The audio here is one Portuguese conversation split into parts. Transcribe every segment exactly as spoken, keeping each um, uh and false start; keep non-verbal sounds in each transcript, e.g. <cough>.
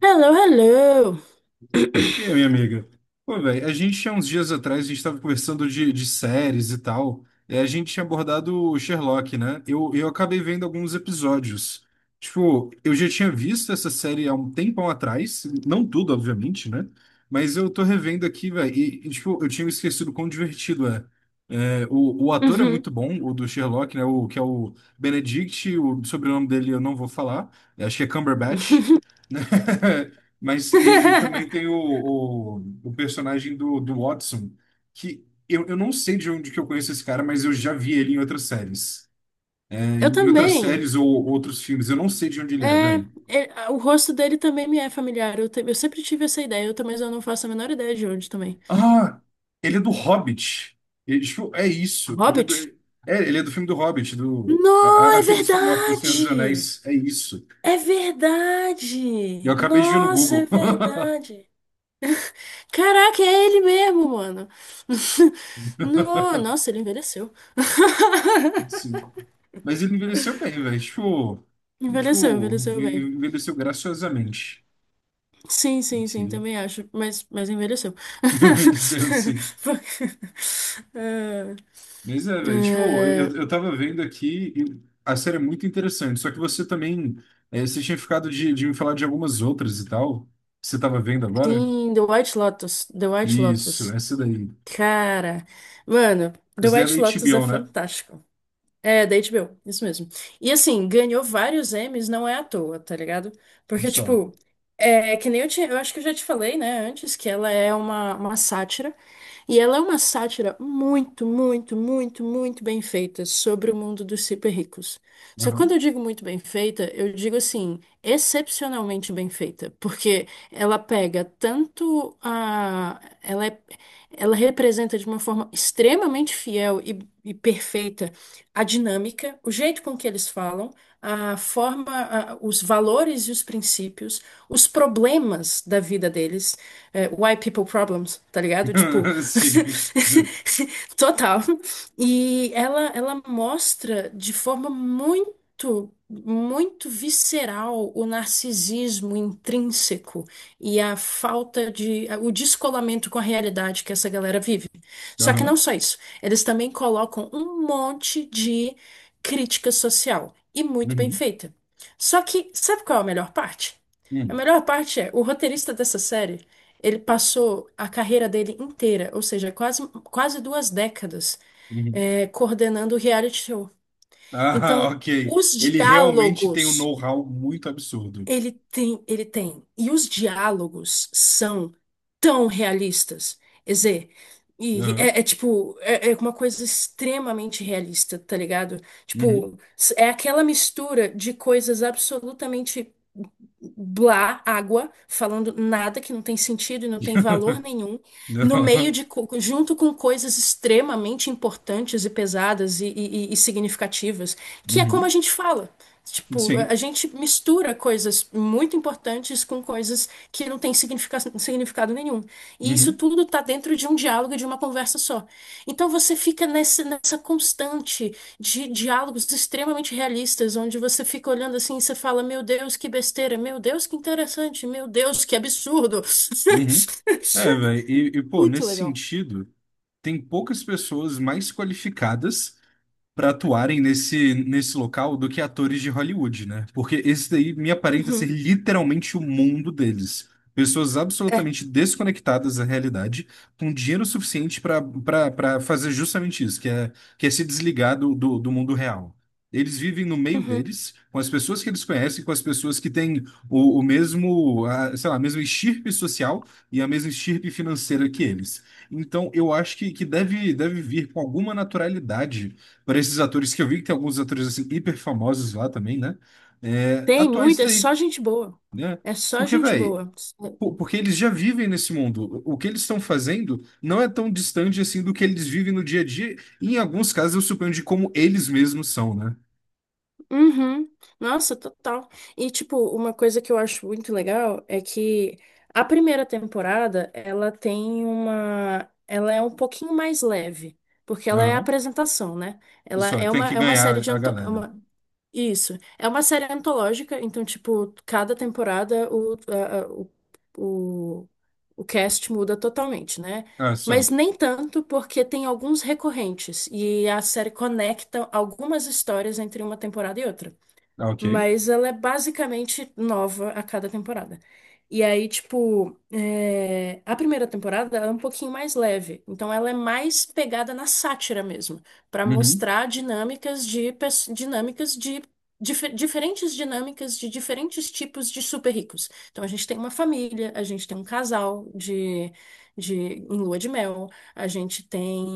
Hello, hello. E aí, minha amiga? Pô, velho, a gente há uns dias atrás, a gente estava conversando de, de séries e tal, e a gente tinha abordado o Sherlock, né? Eu, eu acabei vendo alguns episódios. Tipo, eu já tinha visto essa série há um tempão atrás, não tudo, obviamente, né? Mas eu tô revendo aqui, velho, e, e, tipo, eu tinha me esquecido quão divertido é. É, o, o ator é muito Uhum. bom, o do Sherlock, né? O, que é o Benedict, o sobrenome dele eu não vou falar, acho que é Cumberbatch, né? <laughs> Mas e, e também tem o, <laughs> o, o personagem do, do Watson, que eu, eu não sei de onde que eu conheço esse cara, mas eu já vi ele em outras séries. É, Eu em outras também. séries ou outros filmes, eu não sei de onde ele é, É, velho. é, o rosto dele também me é familiar. Eu, te- eu sempre tive essa ideia, eu, também- mas eu não faço a menor ideia de onde também. Ah, ele é do Hobbit. Ele- tipo, é isso. Ele é do, Hobbit? é, ele é do filme do Hobbit, do, a- a- Não, é aquele spin-off do Senhor dos verdade! Anéis. É isso. É E verdade! eu acabei de ver no Nossa, é Google. verdade! Caraca, é ele mesmo, mano! <laughs> No- <laughs> nossa, ele envelheceu. Cinco. Mas ele envelheceu bem, velho. Tipo, Envelheceu, tipo, envelheceu bem. envelheceu graciosamente. Sim, sim, sim, Sim. também acho, mas, mas envelheceu. <laughs> Sim, sim. <laughs> Mas é, velho. Tipo, Eh, eu, eh, eu tava vendo aqui e a série é muito interessante. Só que você também. É, você tinha ficado de, de me falar de algumas outras e tal. Que você tava vendo agora? sim, The White Lotus, The White Isso, Lotus. essa daí. Cara, mano, The Essa daí é da White Lotus é H B O, né? fantástico. É, da H B O, isso mesmo. E assim, ganhou vários Emmys, não é à toa, tá ligado? Porque, Só. tipo, é que nem eu tinha, eu acho que eu já te falei, né, antes, que ela é uma, uma sátira. E ela é uma sátira muito, muito, muito, muito bem feita sobre o mundo dos super ricos. Só que quando Aham. eu digo muito bem feita, eu digo assim, excepcionalmente bem feita. Porque ela pega tanto a. Ela é- ela representa de uma forma extremamente fiel e, e perfeita a dinâmica, o jeito com que eles falam, a forma, a- os valores e os princípios, os problemas da vida deles, é, white people problems, tá ligado? Tipo, <laughs> Sim. <laughs> total. E ela, ela mostra de forma muito, muito visceral o narcisismo intrínseco e a falta de, o descolamento com a realidade que essa galera vive. Só que Aham. não só isso. Eles também colocam um monte de crítica social e muito bem Uhum. feita. Só que, sabe qual é a melhor parte? A Uhum. melhor parte é, o roteirista dessa série, ele passou a carreira dele inteira, ou seja, quase, quase duas décadas, Uhum. eh, coordenando o reality show. Ah, <laughs> Então, ok. os Ele realmente tem um diálogos know-how muito absurdo. ele tem, ele tem. E os diálogos são tão realistas. Quer dizer, e Aham. é, é tipo, é, é uma coisa extremamente realista, tá ligado? Uhum. Tipo, s- é aquela mistura de coisas absolutamente blá, água, falando nada que não tem sentido e não tem valor <laughs> nenhum, no meio Aham. de, co- junto com coisas extremamente importantes e pesadas e, e- e significativas, que é como a Uhum. gente fala. Tipo, a a Sim. gente mistura coisas muito importantes com coisas que não têm significa- significado nenhum. E isso Uhum. tudo tá dentro de um diálogo, e de uma conversa só. Então você fica nessa, nessa constante de diálogos extremamente realistas, onde você fica olhando assim e você fala, meu Deus, que besteira, meu Deus, que interessante, meu Deus, que absurdo. Uhum. É, velho, e, e, <laughs> pô, Muito nesse legal. sentido, tem poucas pessoas mais qualificadas para atuarem nesse, nesse local do que atores de Hollywood, né? Porque esse daí me aparenta ser Uhum, literalmente o mundo deles. Pessoas é, absolutamente desconectadas da realidade, com dinheiro suficiente para para fazer justamente isso, que é, que é se desligar do, do, do mundo real. Eles vivem no meio uhum. deles, com as pessoas que eles conhecem, com as pessoas que têm o, o mesmo, a, sei lá, a mesma estirpe social e a mesma estirpe financeira que eles. Então, eu acho que, que deve, deve vir com alguma naturalidade para esses atores que eu vi, que tem alguns atores assim hiper famosos lá também, né? É, Tem atuar isso muito, é daí, só gente boa. né? É só Porque, gente velho, boa. porque eles já vivem nesse mundo. O que eles estão fazendo não é tão distante assim do que eles vivem no dia a dia. E em alguns casos, eu suponho de como eles mesmos são, né? Uhum. Nossa, total. E, tipo, uma coisa que eu acho muito legal é que a primeira temporada, ela tem uma... Ela é um pouquinho mais leve, porque ela é a Aham. apresentação, né? Ela Só, é tem uma, que é uma série ganhar de... a Anto... galera. Isso. É uma série antológica, então, tipo, cada temporada o, a- a- o, o, o cast muda totalmente, né? Ah, só. Mas nem tanto, porque tem alguns recorrentes e a série conecta algumas histórias entre uma temporada e outra. Ah, ok. Mas ela é basicamente nova a cada temporada. E aí, tipo, é, a primeira temporada ela é um pouquinho mais leve. Então, ela é mais pegada na sátira mesmo, para Uhum. mostrar dinâmicas de pes- dinâmicas de dife- diferentes dinâmicas de diferentes tipos de super ricos. Então, a gente tem uma família, a gente tem um casal de, de em lua de mel, a gente tem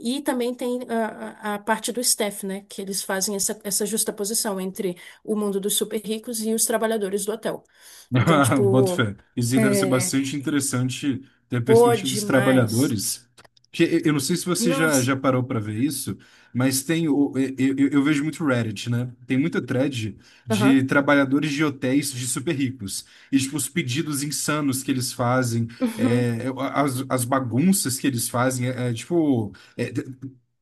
e também tem a, a a parte do Steph, né? Que eles fazem essa, essa justaposição entre o mundo dos super ricos e os trabalhadores do hotel. <laughs> Então, Ah, boto tipo, fé. Isso aí deve ser é, bastante interessante ter a pô, perspectiva dos demais. trabalhadores. Que e- eu não sei se você já, Nossa. já parou para ver isso, mas tem o, e- eu, eu vejo muito Reddit, né? Tem muita thread de Aham. trabalhadores de hotéis de super ricos. E tipo, os pedidos insanos que eles fazem, Uhum. é, as, as bagunças que eles fazem, é, é, tipo, é,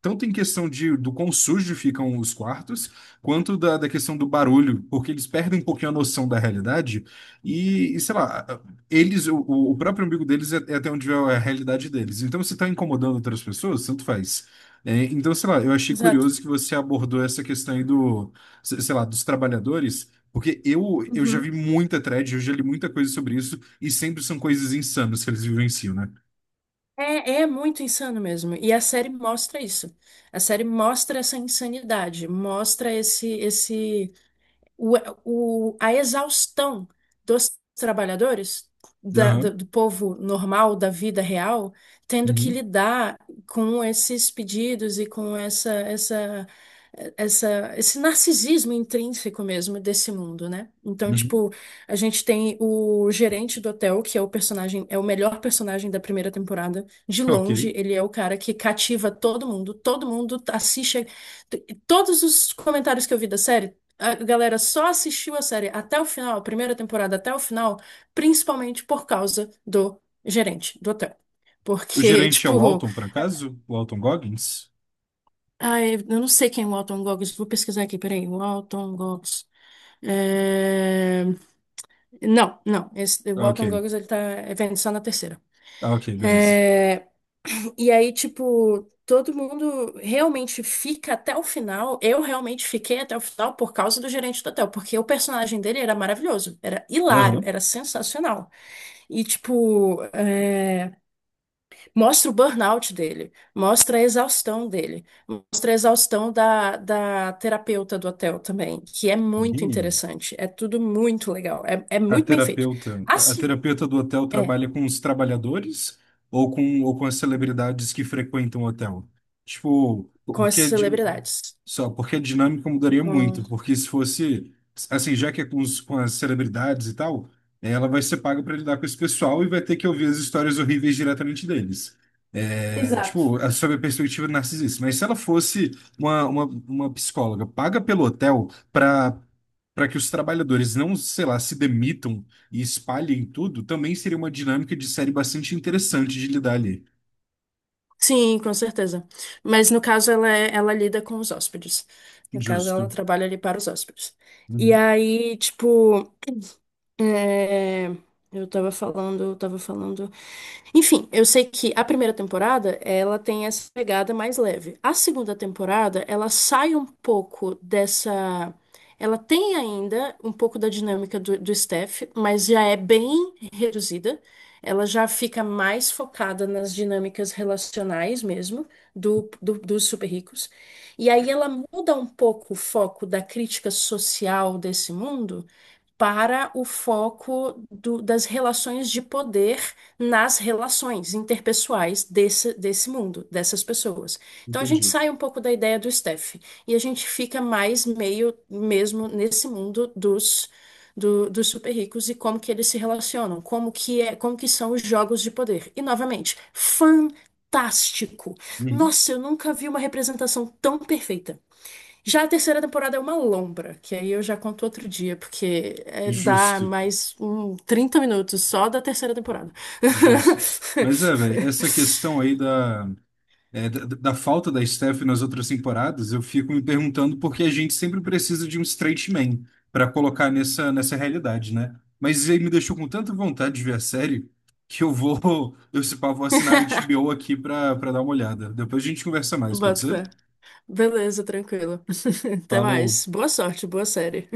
tanto em questão de, do quão sujo ficam os quartos, quanto da, da questão do barulho, porque eles perdem um pouquinho a noção da realidade e, e, sei lá, eles, o, o próprio umbigo deles é, é até onde é a realidade deles. Então, se está incomodando outras pessoas, tanto faz. É, então, sei lá, eu achei Exato. curioso que você abordou essa questão aí do, se- sei lá, dos trabalhadores, porque eu, eu já vi Uhum. muita thread, eu já li muita coisa sobre isso, e sempre são coisas insanas que eles vivenciam, né? É, é muito insano mesmo. E a série mostra isso. A série mostra essa insanidade, mostra esse, esse o, o- a exaustão dos trabalhadores, da- do, Aham, do povo normal, da vida real, tendo que uhum, lidar com esses pedidos e com essa, essa, essa, esse narcisismo intrínseco mesmo desse mundo, né? Então, uhum. tipo, a gente tem o gerente do hotel, que é o personagem, é o melhor personagem da primeira temporada. De Ok. longe, ele é o cara que cativa todo mundo, todo mundo assiste. a- Todos os comentários que eu vi da série a galera só assistiu a série até o final, a primeira temporada até o final, principalmente por causa do gerente do hotel. O Porque, <laughs> gerente é o tipo, Walton, por acaso? O Walton Goggins? ai, eu não sei quem é o Walton Goggins, vou pesquisar aqui, peraí, Walton Goggins. É, não, não, esse, o Ah, ok, Walton Goggins ele tá é, só na terceira. ah, ok, beleza. É, e aí, tipo, todo mundo realmente fica até o final. Eu realmente fiquei até o final por causa do gerente do hotel, porque o personagem dele era maravilhoso, era hilário, Aham. era sensacional. E, tipo, é, mostra o burnout dele, mostra a exaustão dele, mostra a exaustão da, da terapeuta do hotel também, que é muito Uhum. interessante. É tudo muito legal, é, é A muito bem feito. terapeuta, a Assim, terapeuta do hotel é, trabalha com os trabalhadores ou com, ou com as celebridades que frequentam o hotel? Tipo, com as porque a di- celebridades. só porque a dinâmica mudaria com- muito, porque se fosse assim, já que é com, os, com as celebridades e tal, ela vai ser paga para lidar com esse pessoal e vai ter que ouvir as histórias horríveis diretamente deles. É, Exato. tipo, a- sob a perspectiva narcisista. Mas se ela fosse uma, uma, uma psicóloga paga pelo hotel para que os trabalhadores não, sei lá, se demitam e espalhem tudo, também seria uma dinâmica de série bastante interessante de lidar ali. Sim, com certeza. Mas no caso ela, é- ela lida com os hóspedes. No caso ela Justo. trabalha ali para os hóspedes. E Uhum, aí, tipo. É, eu tava falando, eu tava falando. Enfim, eu sei que a primeira temporada, ela tem essa pegada mais leve. A segunda temporada, ela sai um pouco dessa. Ela tem ainda um pouco da dinâmica do, do Steph, mas já é bem reduzida. Ela já fica mais focada nas dinâmicas relacionais mesmo, do, do- dos super ricos. E aí ela muda um pouco o foco da crítica social desse mundo para o foco do- das relações de poder nas relações interpessoais desse, desse mundo, dessas pessoas. Então a gente entendi. sai um pouco da ideia do Steph e a gente fica mais meio mesmo nesse mundo dos, do- dos super ricos e como que eles se relacionam, como que é, como que são os jogos de poder. E novamente, fantástico. Uhum. Nossa, eu nunca vi uma representação tão perfeita. Já a terceira temporada é uma lombra, que aí eu já conto outro dia, porque é, dá Justo, mais um trinta minutos só da terceira temporada. justo. Mas é, <laughs> velho, essa questão aí da é, da, da falta da Steph nas outras temporadas, eu fico me perguntando por que a gente sempre precisa de um straight man para colocar nessa, nessa realidade, né? Mas ele me deixou com tanta vontade de ver a série que eu vou, <laughs> eu se pá, vou assinar a H B O aqui para para dar uma olhada. Depois a gente conversa mais, Bota pode ser? fé. Beleza, tranquilo. <laughs> Até mais. Falou. Boa sorte, boa série.